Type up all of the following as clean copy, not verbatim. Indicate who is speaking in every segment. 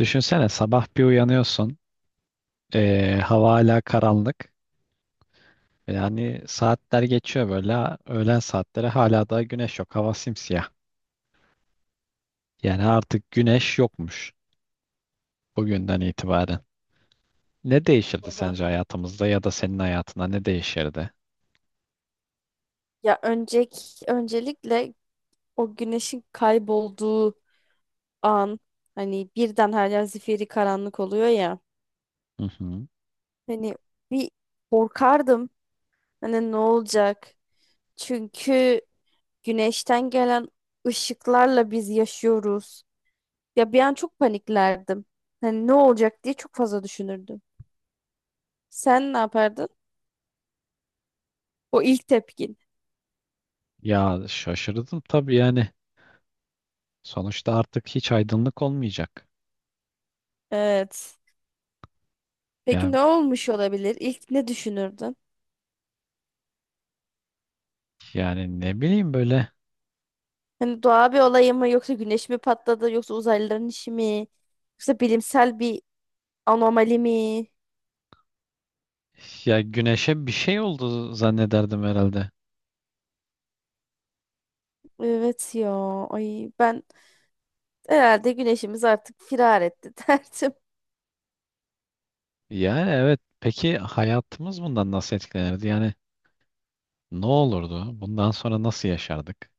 Speaker 1: Düşünsene sabah bir uyanıyorsun. Hava hala karanlık. Yani saatler geçiyor böyle. Öğlen saatleri hala da güneş yok. Hava simsiyah. Yani artık güneş yokmuş bugünden itibaren. Ne değişirdi
Speaker 2: Oha.
Speaker 1: sence hayatımızda ya da senin hayatına ne değişirdi?
Speaker 2: Ya önceki öncelikle o güneşin kaybolduğu an, hani birden her yer zifiri karanlık oluyor ya.
Speaker 1: Hı hı.
Speaker 2: Hani bir korkardım. Hani ne olacak? Çünkü güneşten gelen ışıklarla biz yaşıyoruz. Ya bir an çok paniklerdim. Hani ne olacak diye çok fazla düşünürdüm. Sen ne yapardın? O ilk tepkin.
Speaker 1: Ya şaşırdım tabii yani. Sonuçta artık hiç aydınlık olmayacak.
Speaker 2: Evet. Peki
Speaker 1: Ya
Speaker 2: ne olmuş olabilir? İlk ne düşünürdün?
Speaker 1: yani ne bileyim böyle,
Speaker 2: Hani doğa bir olay mı, yoksa güneş mi patladı, yoksa uzaylıların işi mi? Yoksa bilimsel bir anomali mi?
Speaker 1: ya güneşe bir şey oldu zannederdim herhalde.
Speaker 2: Evet ya. Ay, ben herhalde güneşimiz artık firar etti derdim.
Speaker 1: Yani evet. Peki hayatımız bundan nasıl etkilenirdi? Yani ne olurdu? Bundan sonra nasıl yaşardık?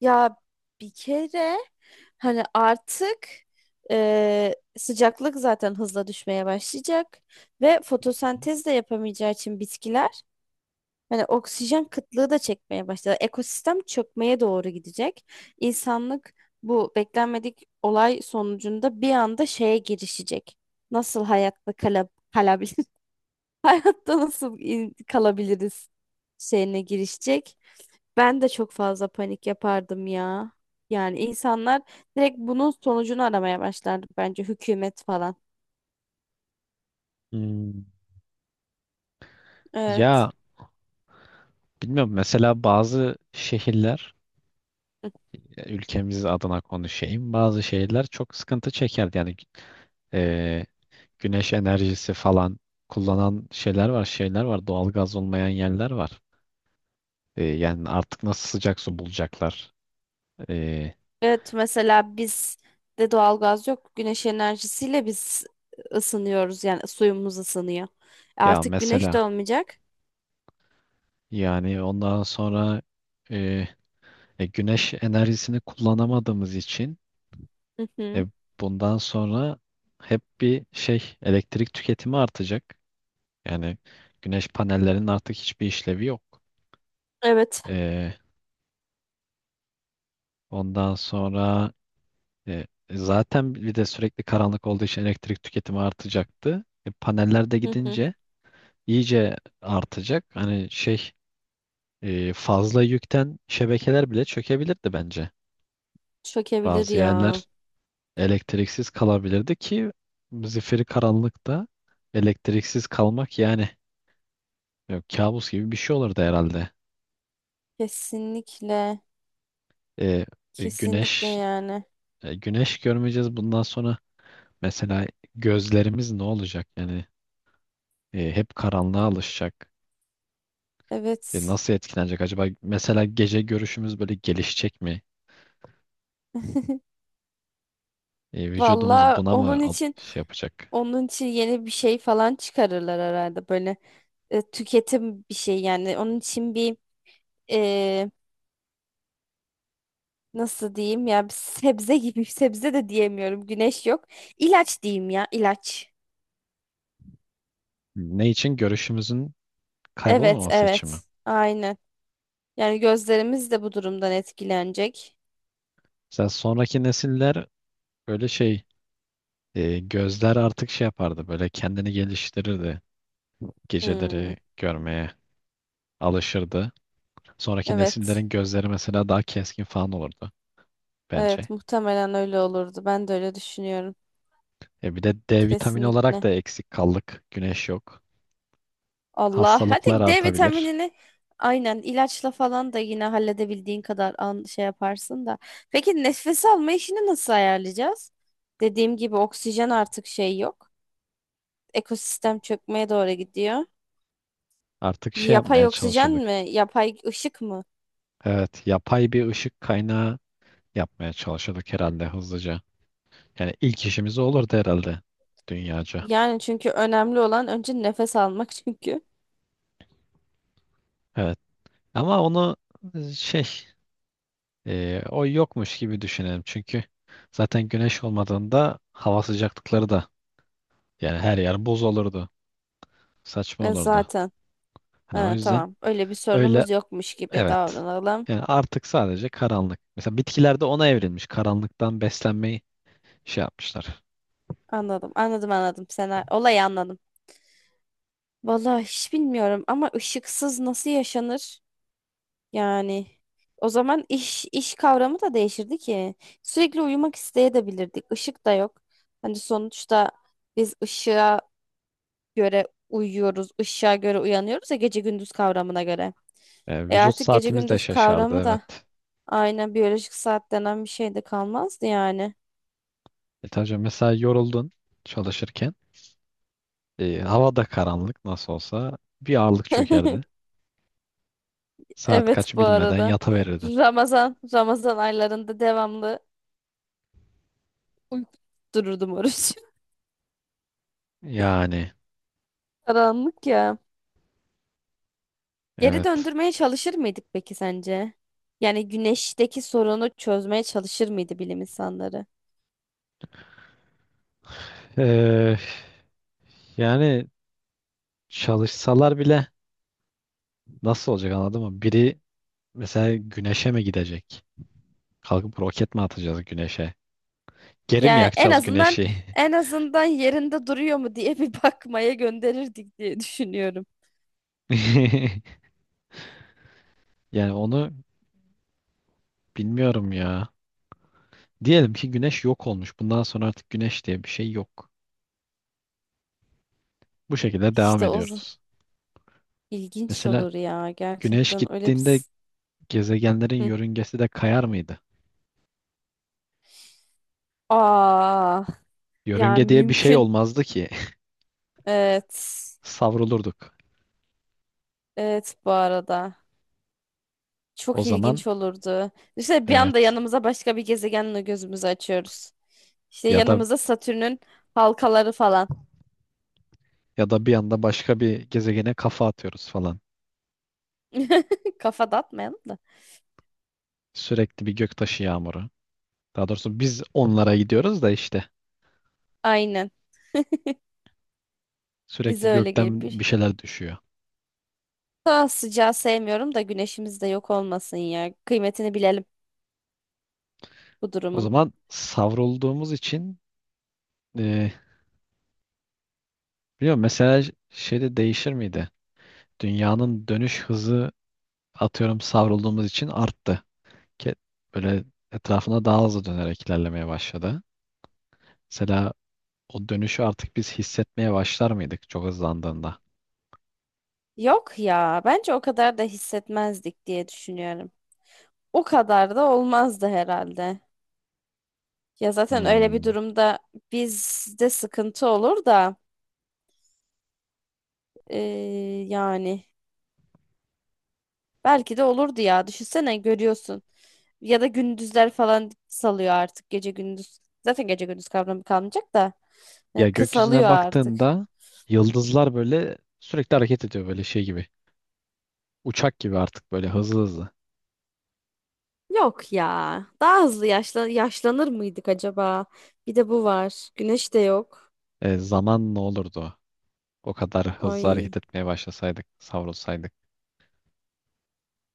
Speaker 2: Ya bir kere, hani artık sıcaklık zaten hızla düşmeye başlayacak ve fotosentez de yapamayacağı için bitkiler. Yani oksijen kıtlığı da çekmeye başladı. Ekosistem çökmeye doğru gidecek. İnsanlık, bu beklenmedik olay sonucunda bir anda şeye girişecek. Nasıl hayatta kalabilir? Hayatta nasıl kalabiliriz şeyine girişecek. Ben de çok fazla panik yapardım ya. Yani insanlar direkt bunun sonucunu aramaya başlardı, bence hükümet falan.
Speaker 1: Hmm.
Speaker 2: Evet.
Speaker 1: Ya bilmiyorum. Mesela bazı şehirler, ya ülkemiz adına konuşayım. Bazı şehirler çok sıkıntı çekerdi. Yani e, güneş enerjisi falan kullanan şeyler var, şeyler var. Doğalgaz olmayan yerler var. Yani artık nasıl sıcak su bulacaklar? E,
Speaker 2: Evet, mesela biz de doğalgaz yok. Güneş enerjisiyle biz ısınıyoruz, yani suyumuz ısınıyor.
Speaker 1: Ya
Speaker 2: Artık güneş
Speaker 1: mesela
Speaker 2: de olmayacak.
Speaker 1: yani ondan sonra e, güneş enerjisini kullanamadığımız için
Speaker 2: Hı hı.
Speaker 1: e, bundan sonra hep bir şey elektrik tüketimi artacak. Yani güneş panellerinin artık hiçbir işlevi yok.
Speaker 2: Evet.
Speaker 1: E, Ondan sonra zaten bir de sürekli karanlık olduğu için elektrik tüketimi artacaktı. E, paneller de
Speaker 2: Hı hı.
Speaker 1: gidince iyice artacak. Hani şey, fazla yükten şebekeler bile çökebilirdi bence.
Speaker 2: Çökebilir
Speaker 1: Bazı
Speaker 2: ya.
Speaker 1: yerler elektriksiz kalabilirdi ki zifiri karanlıkta elektriksiz kalmak yani kabus gibi bir şey olurdu herhalde.
Speaker 2: Kesinlikle.
Speaker 1: E, e,
Speaker 2: Kesinlikle
Speaker 1: güneş
Speaker 2: yani.
Speaker 1: Güneş görmeyeceğiz bundan sonra, mesela gözlerimiz ne olacak yani, hep karanlığa alışacak. E,
Speaker 2: Evet.
Speaker 1: nasıl etkilenecek acaba? Mesela gece görüşümüz böyle gelişecek mi? E, vücudumuz
Speaker 2: Valla
Speaker 1: buna mı
Speaker 2: onun için,
Speaker 1: şey yapacak?
Speaker 2: onun için, yeni bir şey falan çıkarırlar herhalde, böyle tüketim bir şey yani. Onun için bir, e, nasıl diyeyim ya, bir sebze gibi sebze de diyemiyorum. Güneş yok. İlaç diyeyim ya, ilaç.
Speaker 1: Ne için? Görüşümüzün
Speaker 2: Evet
Speaker 1: kaybolmaması için mi?
Speaker 2: evet, aynen. Yani gözlerimiz de bu durumdan etkilenecek.
Speaker 1: Mesela sonraki nesiller böyle şey, E, gözler artık şey yapardı, böyle kendini geliştirirdi.
Speaker 2: Hmm,
Speaker 1: Geceleri görmeye alışırdı. Sonraki
Speaker 2: evet
Speaker 1: nesillerin gözleri mesela daha keskin falan olurdu bence.
Speaker 2: evet, muhtemelen öyle olurdu. Ben de öyle düşünüyorum.
Speaker 1: E, bir de D vitamini olarak
Speaker 2: Kesinlikle.
Speaker 1: da eksik kaldık. Güneş yok.
Speaker 2: Allah.
Speaker 1: Hastalıklar
Speaker 2: Hadi D
Speaker 1: artabilir.
Speaker 2: vitaminini aynen ilaçla falan da yine halledebildiğin kadar an şey yaparsın da. Peki nefes alma işini nasıl ayarlayacağız? Dediğim gibi oksijen artık şey yok. Ekosistem çökmeye doğru gidiyor.
Speaker 1: Artık şey
Speaker 2: Yapay
Speaker 1: yapmaya
Speaker 2: oksijen
Speaker 1: çalışırdık.
Speaker 2: mi? Yapay ışık mı?
Speaker 1: Evet, yapay bir ışık kaynağı yapmaya çalışırdık herhalde hızlıca. Yani ilk işimiz o olurdu herhalde, dünyaca.
Speaker 2: Yani çünkü önemli olan önce nefes almak çünkü.
Speaker 1: Evet. Ama onu şey, o yokmuş gibi düşünelim. Çünkü zaten güneş olmadığında hava sıcaklıkları da, yani her yer buz olurdu. Saçma
Speaker 2: E
Speaker 1: olurdu.
Speaker 2: zaten.
Speaker 1: Hani o
Speaker 2: Ha,
Speaker 1: yüzden
Speaker 2: tamam. Öyle bir
Speaker 1: öyle,
Speaker 2: sorunumuz yokmuş gibi
Speaker 1: evet.
Speaker 2: davranalım.
Speaker 1: Yani artık sadece karanlık. Mesela bitkilerde ona evrilmiş. Karanlıktan beslenmeyi şey yapmışlar.
Speaker 2: Anladım. Anladım anladım. Sen olayı anladım. Vallahi hiç bilmiyorum ama ışıksız nasıl yaşanır? Yani o zaman iş kavramı da değişirdi ki. Sürekli uyumak isteyebilirdik. Işık da yok. Hani sonuçta biz ışığa göre uyuyoruz, ışığa göre uyanıyoruz ya, gece gündüz kavramına göre. E
Speaker 1: Vücut
Speaker 2: artık gece
Speaker 1: saatimiz de
Speaker 2: gündüz
Speaker 1: şaşardı,
Speaker 2: kavramı da,
Speaker 1: evet.
Speaker 2: aynen, biyolojik saat denen bir şey de kalmazdı yani.
Speaker 1: E tabii canım, mesela yoruldun çalışırken. E, hava da karanlık nasıl olsa bir ağırlık çökerdi. Saat
Speaker 2: Evet
Speaker 1: kaç
Speaker 2: bu
Speaker 1: bilmeden
Speaker 2: arada.
Speaker 1: yataverirdin.
Speaker 2: Ramazan aylarında devamlı uyku dururdum oruç.
Speaker 1: Yani
Speaker 2: Karanlık ya. Geri
Speaker 1: evet.
Speaker 2: döndürmeye çalışır mıydık peki sence? Yani güneşteki sorunu çözmeye çalışır mıydı bilim insanları?
Speaker 1: Yani çalışsalar bile nasıl olacak, anladın mı? Biri mesela güneşe mi gidecek? Kalkıp roket mi atacağız güneşe? Geri mi
Speaker 2: Yani en
Speaker 1: yakacağız
Speaker 2: azından,
Speaker 1: güneşi?
Speaker 2: en azından, yerinde duruyor mu diye bir bakmaya gönderirdik diye düşünüyorum.
Speaker 1: Yani onu bilmiyorum ya. Diyelim ki güneş yok olmuş. Bundan sonra artık güneş diye bir şey yok. Bu şekilde devam
Speaker 2: İşte
Speaker 1: ediyoruz.
Speaker 2: ilginç
Speaker 1: Mesela
Speaker 2: olur ya,
Speaker 1: güneş
Speaker 2: gerçekten öyle bir
Speaker 1: gittiğinde gezegenlerin
Speaker 2: Hı.
Speaker 1: yörüngesi de kayar mıydı?
Speaker 2: Aa, yani
Speaker 1: Yörünge diye bir şey
Speaker 2: mümkün.
Speaker 1: olmazdı ki.
Speaker 2: Evet.
Speaker 1: Savrulurduk.
Speaker 2: Evet bu arada.
Speaker 1: O
Speaker 2: Çok
Speaker 1: zaman
Speaker 2: ilginç olurdu. İşte bir anda
Speaker 1: evet.
Speaker 2: yanımıza başka bir gezegenle gözümüzü açıyoruz. İşte
Speaker 1: Ya da,
Speaker 2: yanımıza Satürn'ün halkaları falan.
Speaker 1: ya da bir anda başka bir gezegene kafa atıyoruz falan.
Speaker 2: Kafa dağıtmayalım da.
Speaker 1: Sürekli bir göktaşı yağmuru. Daha doğrusu biz onlara gidiyoruz da işte,
Speaker 2: Aynen. Bize
Speaker 1: sürekli
Speaker 2: öyle gelir.
Speaker 1: gökten bir
Speaker 2: Bir-
Speaker 1: şeyler düşüyor.
Speaker 2: Daha sıcağı sevmiyorum da güneşimiz de yok olmasın ya. Kıymetini bilelim bu
Speaker 1: O
Speaker 2: durumun.
Speaker 1: zaman savrulduğumuz için e, biliyorum mesela, şeyde değişir miydi? Dünyanın dönüş hızı atıyorum savrulduğumuz için arttı. Ke- Böyle etrafına daha hızlı dönerek ilerlemeye başladı. Mesela o dönüşü artık biz hissetmeye başlar mıydık çok hızlandığında?
Speaker 2: Yok ya, bence o kadar da hissetmezdik diye düşünüyorum. O kadar da olmazdı herhalde. Ya zaten öyle bir
Speaker 1: Hmm.
Speaker 2: durumda bizde sıkıntı olur da, e, yani belki de olurdu ya. Düşünsene görüyorsun. Ya da gündüzler falan salıyor artık gece gündüz. Zaten gece gündüz kavramı kalmayacak da
Speaker 1: Ya gökyüzüne
Speaker 2: kısalıyor artık.
Speaker 1: baktığında yıldızlar böyle sürekli hareket ediyor, böyle şey gibi. Uçak gibi artık, böyle hızlı hızlı.
Speaker 2: Yok ya. Daha hızlı yaşla yaşlanır mıydık acaba? Bir de bu var. Güneş de yok.
Speaker 1: E, zaman ne olurdu o? O kadar hızlı
Speaker 2: Ay.
Speaker 1: hareket etmeye başlasaydık, savrulsaydık.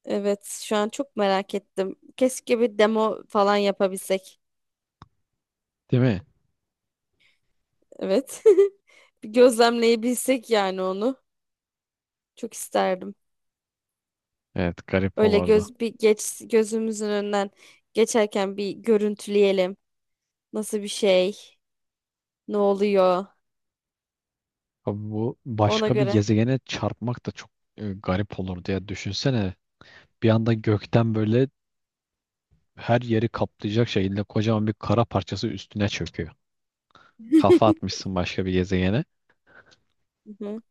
Speaker 2: Evet, şu an çok merak ettim. Keşke bir demo falan yapabilsek.
Speaker 1: Değil mi?
Speaker 2: Evet. Bir gözlemleyebilsek yani onu. Çok isterdim.
Speaker 1: Evet, garip
Speaker 2: Öyle
Speaker 1: olurdu.
Speaker 2: göz bir geç gözümüzün önünden geçerken bir görüntüleyelim. Nasıl bir şey? Ne oluyor?
Speaker 1: Abi bu
Speaker 2: Ona
Speaker 1: başka bir
Speaker 2: göre.
Speaker 1: gezegene çarpmak da çok garip olurdu ya. Düşünsene bir anda gökten böyle her yeri kaplayacak şekilde kocaman bir kara parçası üstüne çöküyor. Kafa atmışsın başka bir gezegene.
Speaker 2: Hı hı.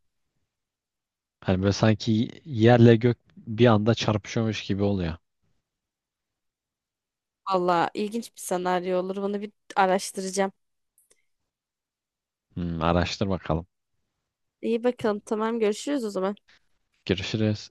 Speaker 1: Hani böyle sanki yerle gök bir anda çarpışıyormuş gibi oluyor.
Speaker 2: Vallahi ilginç bir senaryo olur. Bunu bir araştıracağım.
Speaker 1: Hmm, araştır bakalım.
Speaker 2: İyi bakalım. Tamam, görüşürüz o zaman.
Speaker 1: Görüşürüz.